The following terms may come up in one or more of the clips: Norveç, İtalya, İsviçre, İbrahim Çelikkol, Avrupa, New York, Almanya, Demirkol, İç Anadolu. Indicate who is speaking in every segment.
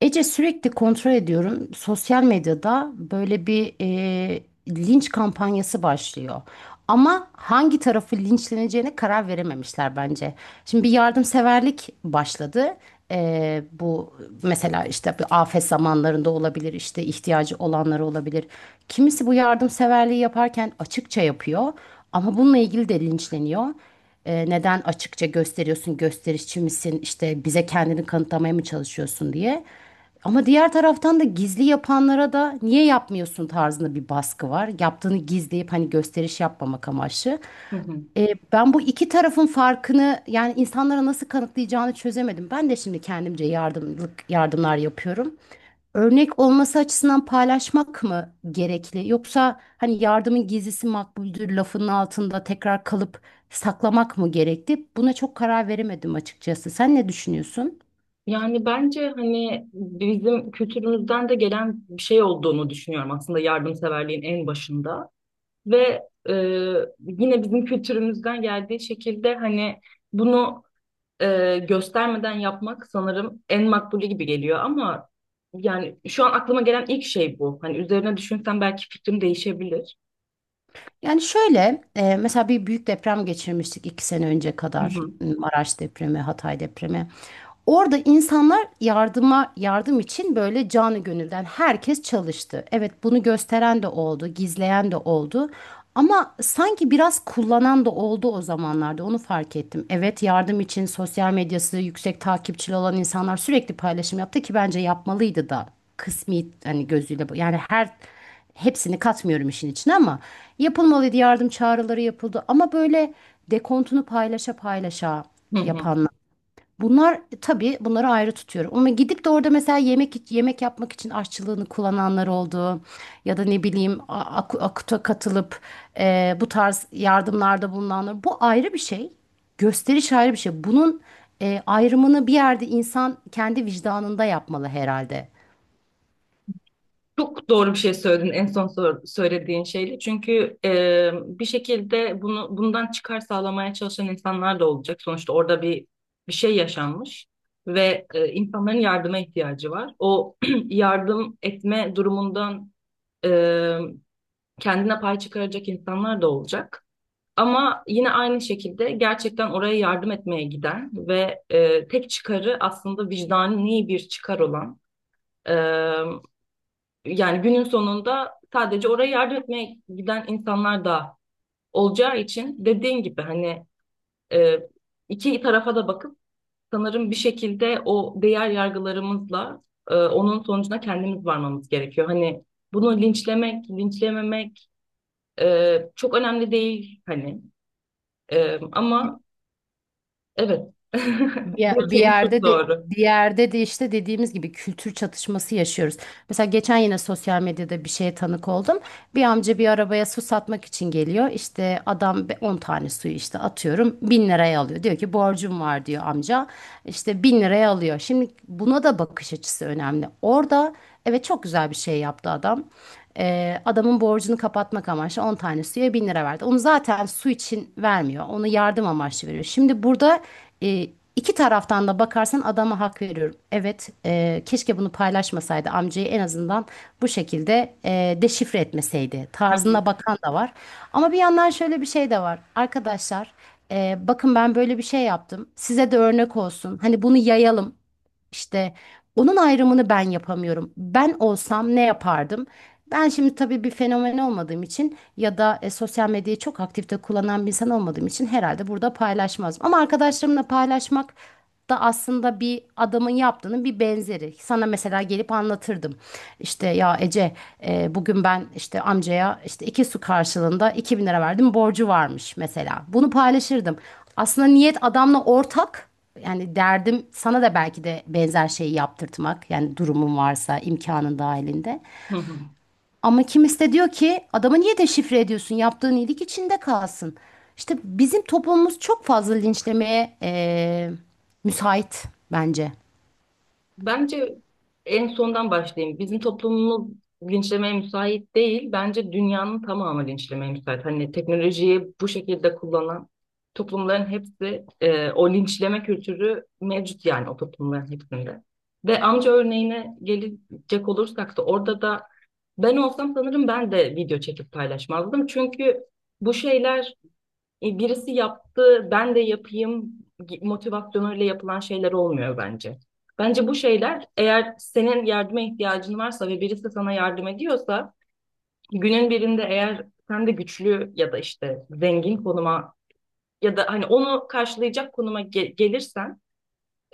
Speaker 1: Ece sürekli kontrol ediyorum. Sosyal medyada böyle bir linç kampanyası başlıyor. Ama hangi tarafı linçleneceğine karar verememişler bence. Şimdi bir yardımseverlik başladı. Bu mesela işte bir afet zamanlarında olabilir, işte ihtiyacı olanları olabilir. Kimisi bu yardımseverliği yaparken açıkça yapıyor ama bununla ilgili de linçleniyor. Neden açıkça gösteriyorsun, gösterişçi misin, işte bize kendini kanıtlamaya mı çalışıyorsun diye. Ama diğer taraftan da gizli yapanlara da niye yapmıyorsun tarzında bir baskı var. Yaptığını gizleyip hani gösteriş yapmamak amaçlı.
Speaker 2: Hı hı.
Speaker 1: Ben bu iki tarafın farkını yani insanlara nasıl kanıtlayacağını çözemedim. Ben de şimdi kendimce yardımlık yardımlar yapıyorum. Örnek olması açısından paylaşmak mı gerekli? Yoksa hani yardımın gizlisi makbuldür lafının altında tekrar kalıp saklamak mı gerekli? Buna çok karar veremedim açıkçası. Sen ne düşünüyorsun?
Speaker 2: Yani bence hani bizim kültürümüzden de gelen bir şey olduğunu düşünüyorum aslında yardımseverliğin en başında ve e, yine bizim kültürümüzden geldiği şekilde hani bunu göstermeden yapmak sanırım en makbulü gibi geliyor ama yani şu an aklıma gelen ilk şey bu. Hani üzerine düşünsem belki fikrim değişebilir.
Speaker 1: Yani şöyle, mesela bir büyük deprem geçirmiştik iki sene önce
Speaker 2: Hı
Speaker 1: kadar.
Speaker 2: hı.
Speaker 1: Maraş depremi, Hatay depremi. Orada insanlar yardıma yardım için böyle canı gönülden herkes çalıştı. Evet, bunu gösteren de oldu, gizleyen de oldu. Ama sanki biraz kullanan da oldu o zamanlarda. Onu fark ettim. Evet, yardım için sosyal medyası yüksek takipçili olan insanlar sürekli paylaşım yaptı ki bence yapmalıydı da. Kısmi hani gözüyle bu- yani her Hepsini katmıyorum işin içine ama yapılmalıydı, yardım çağrıları yapıldı ama böyle dekontunu paylaşa paylaşa
Speaker 2: Hı hı.
Speaker 1: yapanlar. Bunlar tabii, bunları ayrı tutuyorum. Ama gidip de orada mesela yemek yemek yapmak için aşçılığını kullananlar oldu. Ya da ne bileyim AKUT'a katılıp bu tarz yardımlarda bulunanlar. Bu ayrı bir şey. Gösteriş ayrı bir şey. Bunun ayrımını bir yerde insan kendi vicdanında yapmalı herhalde.
Speaker 2: Çok doğru bir şey söyledin en son söylediğin şeyle. Çünkü bir şekilde bunu bundan çıkar sağlamaya çalışan insanlar da olacak. Sonuçta orada bir şey yaşanmış ve insanların yardıma ihtiyacı var. O yardım etme durumundan e, kendine pay çıkaracak insanlar da olacak. Ama yine aynı şekilde gerçekten oraya yardım etmeye giden ve tek çıkarı aslında vicdani bir çıkar olan. e, Yani günün sonunda sadece oraya yardım etmeye giden insanlar da olacağı için dediğin gibi hani e, iki tarafa da bakıp sanırım bir şekilde o değer yargılarımızla onun sonucuna kendimiz varmamız gerekiyor. Hani bunu linçlemek, linçlememek çok önemli değil hani. Ama evet,
Speaker 1: Bir, ye- bir
Speaker 2: dediğin çok
Speaker 1: yerde de
Speaker 2: doğru.
Speaker 1: bir yerde de işte dediğimiz gibi kültür çatışması yaşıyoruz. Mesela geçen yine sosyal medyada bir şeye tanık oldum. Bir amca bir arabaya su satmak için geliyor. İşte 10 tane suyu işte atıyorum 1.000 liraya alıyor. Diyor ki borcum var diyor amca. İşte 1.000 liraya alıyor. Şimdi buna da bakış açısı önemli. Orada evet, çok güzel bir şey yaptı adam. Adamın borcunu kapatmak amaçlı 10 tane suya 1.000 lira verdi. Onu zaten su için vermiyor. Onu yardım amaçlı veriyor. Şimdi burada İki taraftan da bakarsan adama hak veriyorum. Evet, keşke bunu paylaşmasaydı, amcayı en azından bu şekilde deşifre etmeseydi.
Speaker 2: Hı hı.
Speaker 1: Tarzına bakan da var. Ama bir yandan şöyle bir şey de var. Arkadaşlar, bakın ben böyle bir şey yaptım. Size de örnek olsun. Hani bunu yayalım. İşte onun ayrımını ben yapamıyorum. Ben olsam ne yapardım? Ben şimdi tabii bir fenomen olmadığım için ya da sosyal medyayı çok aktifte kullanan bir insan olmadığım için herhalde burada paylaşmazdım. Ama arkadaşlarımla paylaşmak da aslında bir adamın yaptığının bir benzeri. Sana mesela gelip anlatırdım. İşte ya Ece, bugün ben işte amcaya işte iki su karşılığında 2.000 lira verdim, borcu varmış mesela. Bunu paylaşırdım. Aslında niyet adamla ortak, yani derdim sana da belki de benzer şeyi yaptırtmak. Yani durumun varsa imkanın dahilinde.
Speaker 2: Hı hı.
Speaker 1: Ama kimisi de diyor ki adamı niye deşifre ediyorsun? Yaptığın iyilik içinde kalsın. İşte bizim toplumumuz çok fazla linçlemeye müsait bence.
Speaker 2: Bence en sondan başlayayım. Bizim toplumumuz linçlemeye müsait değil. Bence dünyanın tamamı linçlemeye müsait. Hani teknolojiyi bu şekilde kullanan toplumların hepsi o linçleme kültürü mevcut yani o toplumların hepsinde. Ve amca örneğine gelecek olursak da orada da ben olsam sanırım ben de video çekip paylaşmazdım. Çünkü bu şeyler birisi yaptı, ben de yapayım motivasyonuyla yapılan şeyler olmuyor bence. Bence bu şeyler eğer senin yardıma ihtiyacın varsa ve birisi sana yardım ediyorsa günün birinde eğer sen de güçlü ya da işte zengin konuma ya da hani onu karşılayacak konuma gelirsen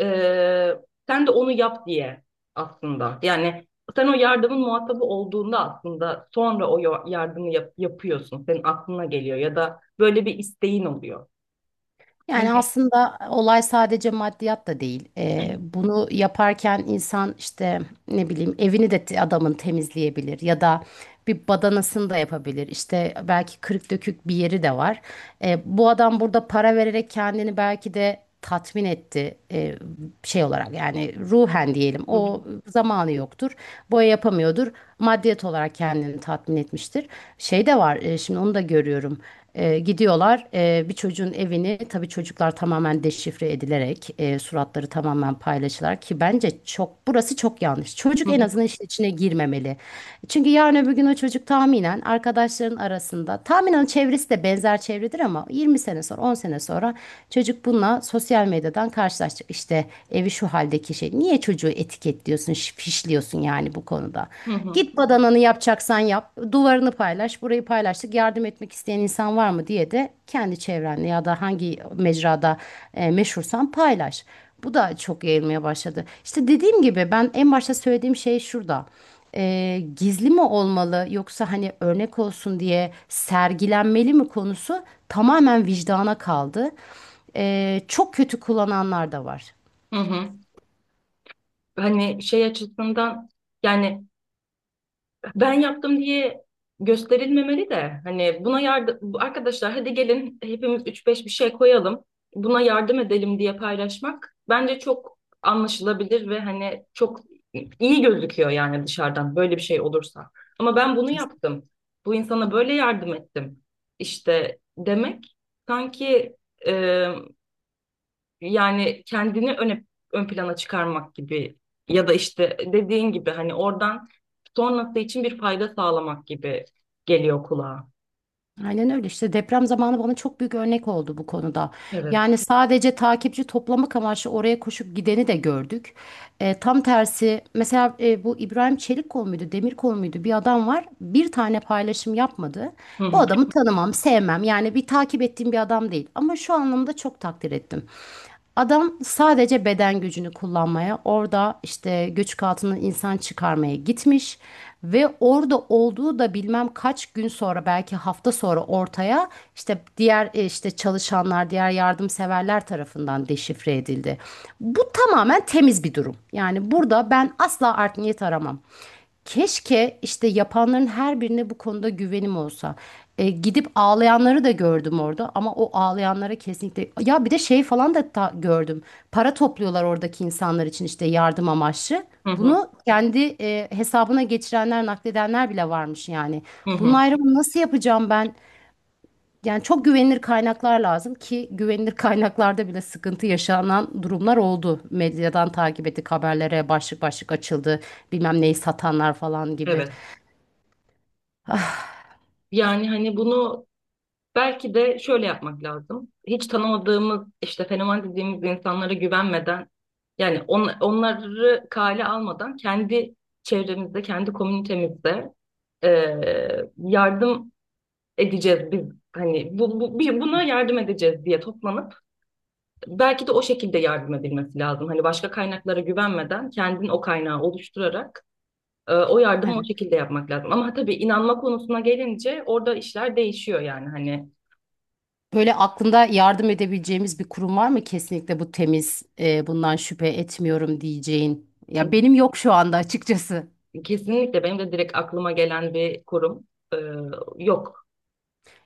Speaker 2: e, sen de onu yap diye aslında. Yani sen o yardımın muhatabı olduğunda aslında sonra o yardımı yapıyorsun. Senin aklına geliyor ya da böyle bir isteğin oluyor.
Speaker 1: Yani
Speaker 2: Hani.
Speaker 1: aslında olay sadece maddiyat da değil. Bunu yaparken insan işte ne bileyim evini de adamın temizleyebilir ya da bir badanasını da yapabilir. İşte belki kırık dökük bir yeri de var. Bu adam burada para vererek kendini belki de tatmin etti şey olarak yani ruhen diyelim,
Speaker 2: Hı hı,
Speaker 1: o zamanı yoktur. Boya yapamıyordur. Maddiyet olarak kendini tatmin etmiştir. Şey de var, şimdi onu da görüyorum. Gidiyorlar, bir çocuğun evini, tabii çocuklar tamamen deşifre edilerek suratları tamamen paylaşılar ki bence çok, burası çok yanlış. Çocuk
Speaker 2: hı
Speaker 1: en
Speaker 2: hı,
Speaker 1: azından işin içine girmemeli. Çünkü yarın öbür gün o çocuk tahminen arkadaşların arasında, tahminen çevresi de benzer çevredir ama 20 sene sonra, 10 sene sonra çocuk bununla sosyal medyadan karşılaşacak. İşte evi şu haldeki şey, niye çocuğu etiketliyorsun, fişliyorsun yani bu konuda.
Speaker 2: hı hı.
Speaker 1: Git, badananı yapacaksan yap. Duvarını paylaş. Burayı paylaştık. Yardım etmek isteyen insan var mı diye de kendi çevrenle ya da hangi mecrada meşhursan paylaş. Bu da çok yayılmaya başladı. İşte dediğim gibi ben en başta söylediğim şey şurada. Gizli mi olmalı yoksa hani örnek olsun diye sergilenmeli mi konusu tamamen vicdana kaldı. Çok kötü kullananlar da var.
Speaker 2: Hı hı. Hani şey açısından yani ben yaptım diye gösterilmemeli de hani buna yardım arkadaşlar, hadi gelin hepimiz üç beş bir şey koyalım buna yardım edelim diye paylaşmak bence çok anlaşılabilir ve hani çok iyi gözüküyor yani dışarıdan böyle bir şey olursa. Ama ben bunu yaptım. Bu insana böyle yardım ettim, işte demek sanki. Yani kendini öne, ön plana çıkarmak gibi ya da işte dediğin gibi hani oradan sonrası için bir fayda sağlamak gibi geliyor kulağa.
Speaker 1: Aynen öyle, işte deprem zamanı bana çok büyük örnek oldu bu konuda.
Speaker 2: Evet.
Speaker 1: Yani sadece takipçi toplamak amaçlı oraya koşup gideni de gördük. Tam tersi mesela, bu İbrahim Çelikkol muydu Demirkol muydu, bir adam var bir tane paylaşım yapmadı.
Speaker 2: Hı
Speaker 1: Bu
Speaker 2: hı,
Speaker 1: adamı tanımam, sevmem, yani bir takip ettiğim bir adam değil ama şu anlamda çok takdir ettim. Adam sadece beden gücünü kullanmaya, orada işte göçük altından insan çıkarmaya gitmiş ve orada olduğu da bilmem kaç gün sonra, belki hafta sonra ortaya, işte diğer işte çalışanlar, diğer yardımseverler tarafından deşifre edildi. Bu tamamen temiz bir durum. Yani burada ben asla art niyet aramam. Keşke işte yapanların her birine bu konuda güvenim olsa. Gidip ağlayanları da gördüm orada ama o ağlayanlara kesinlikle ya bir de şey falan da gördüm. Para topluyorlar oradaki insanlar için işte yardım amaçlı.
Speaker 2: hı hı,
Speaker 1: Bunu kendi hesabına geçirenler, nakledenler bile varmış yani.
Speaker 2: hı
Speaker 1: Bunun
Speaker 2: hı.
Speaker 1: ayrımını nasıl yapacağım ben? Yani çok güvenilir kaynaklar lazım ki güvenilir kaynaklarda bile sıkıntı yaşanan durumlar oldu. Medyadan takip ettik, haberlere başlık başlık açıldı. Bilmem neyi satanlar falan gibi.
Speaker 2: Evet. Yani hani bunu belki de şöyle yapmak lazım. Hiç tanımadığımız işte fenomen dediğimiz insanlara güvenmeden yani onları kale almadan kendi çevremizde, kendi komünitemizde yardım edeceğiz biz, hani bu bir buna yardım edeceğiz diye toplanıp belki de o şekilde yardım edilmesi lazım. Hani başka kaynaklara güvenmeden kendin o kaynağı oluşturarak o yardımı o şekilde yapmak lazım. Ama tabii inanma konusuna gelince orada işler değişiyor yani hani
Speaker 1: Böyle aklında yardım edebileceğimiz bir kurum var mı? Kesinlikle bu temiz, bundan şüphe etmiyorum diyeceğin. Ya benim yok şu anda açıkçası.
Speaker 2: kesinlikle benim de direkt aklıma gelen bir kurum e, yok.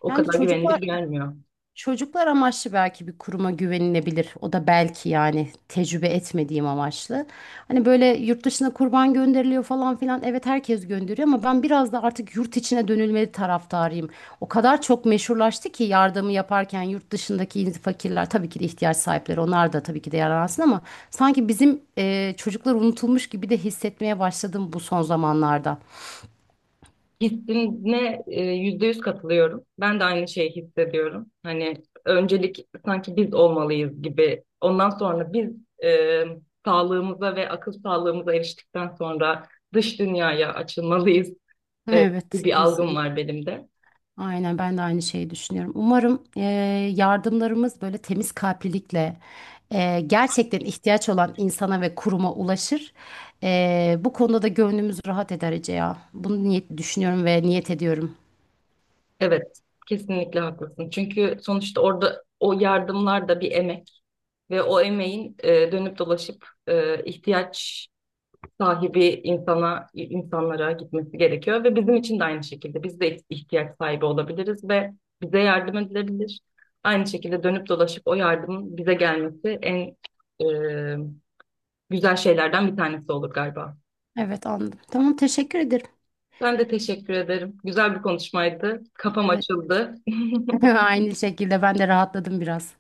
Speaker 2: O
Speaker 1: Yani
Speaker 2: kadar güvenilir
Speaker 1: çocuklar
Speaker 2: gelmiyor.
Speaker 1: Çocuklar amaçlı belki bir kuruma güvenilebilir. O da belki, yani tecrübe etmediğim amaçlı. Hani böyle yurt dışına kurban gönderiliyor falan filan. Evet, herkes gönderiyor ama ben biraz da artık yurt içine dönülmeli taraftarıyım. O kadar çok meşhurlaştı ki, yardımı yaparken yurt dışındaki fakirler, tabii ki de ihtiyaç sahipleri, onlar da tabii ki de yararlansın ama sanki bizim çocuklar unutulmuş gibi de hissetmeye başladım bu son zamanlarda.
Speaker 2: Hissine %100 katılıyorum. Ben de aynı şeyi hissediyorum. Hani öncelik sanki biz olmalıyız gibi. Ondan sonra biz e, sağlığımıza ve akıl sağlığımıza eriştikten sonra dış dünyaya açılmalıyız e, gibi
Speaker 1: Evet,
Speaker 2: bir algım
Speaker 1: kesin.
Speaker 2: var benim de.
Speaker 1: Aynen, ben de aynı şeyi düşünüyorum. Umarım yardımlarımız böyle temiz kalplilikle gerçekten ihtiyaç olan insana ve kuruma ulaşır. Bu konuda da gönlümüz rahat eder Ece ya. Bunu niyet düşünüyorum ve niyet ediyorum.
Speaker 2: Evet, kesinlikle haklısın. Çünkü sonuçta orada o yardımlar da bir emek ve o emeğin dönüp dolaşıp ihtiyaç sahibi insanlara gitmesi gerekiyor ve bizim için de aynı şekilde biz de ihtiyaç sahibi olabiliriz ve bize yardım edilebilir. Aynı şekilde dönüp dolaşıp o yardımın bize gelmesi en e, güzel şeylerden bir tanesi olur galiba.
Speaker 1: Evet, anladım. Tamam, teşekkür ederim.
Speaker 2: Ben de teşekkür ederim. Güzel bir konuşmaydı. Kafam
Speaker 1: Evet.
Speaker 2: açıldı.
Speaker 1: Aynı şekilde ben de rahatladım biraz.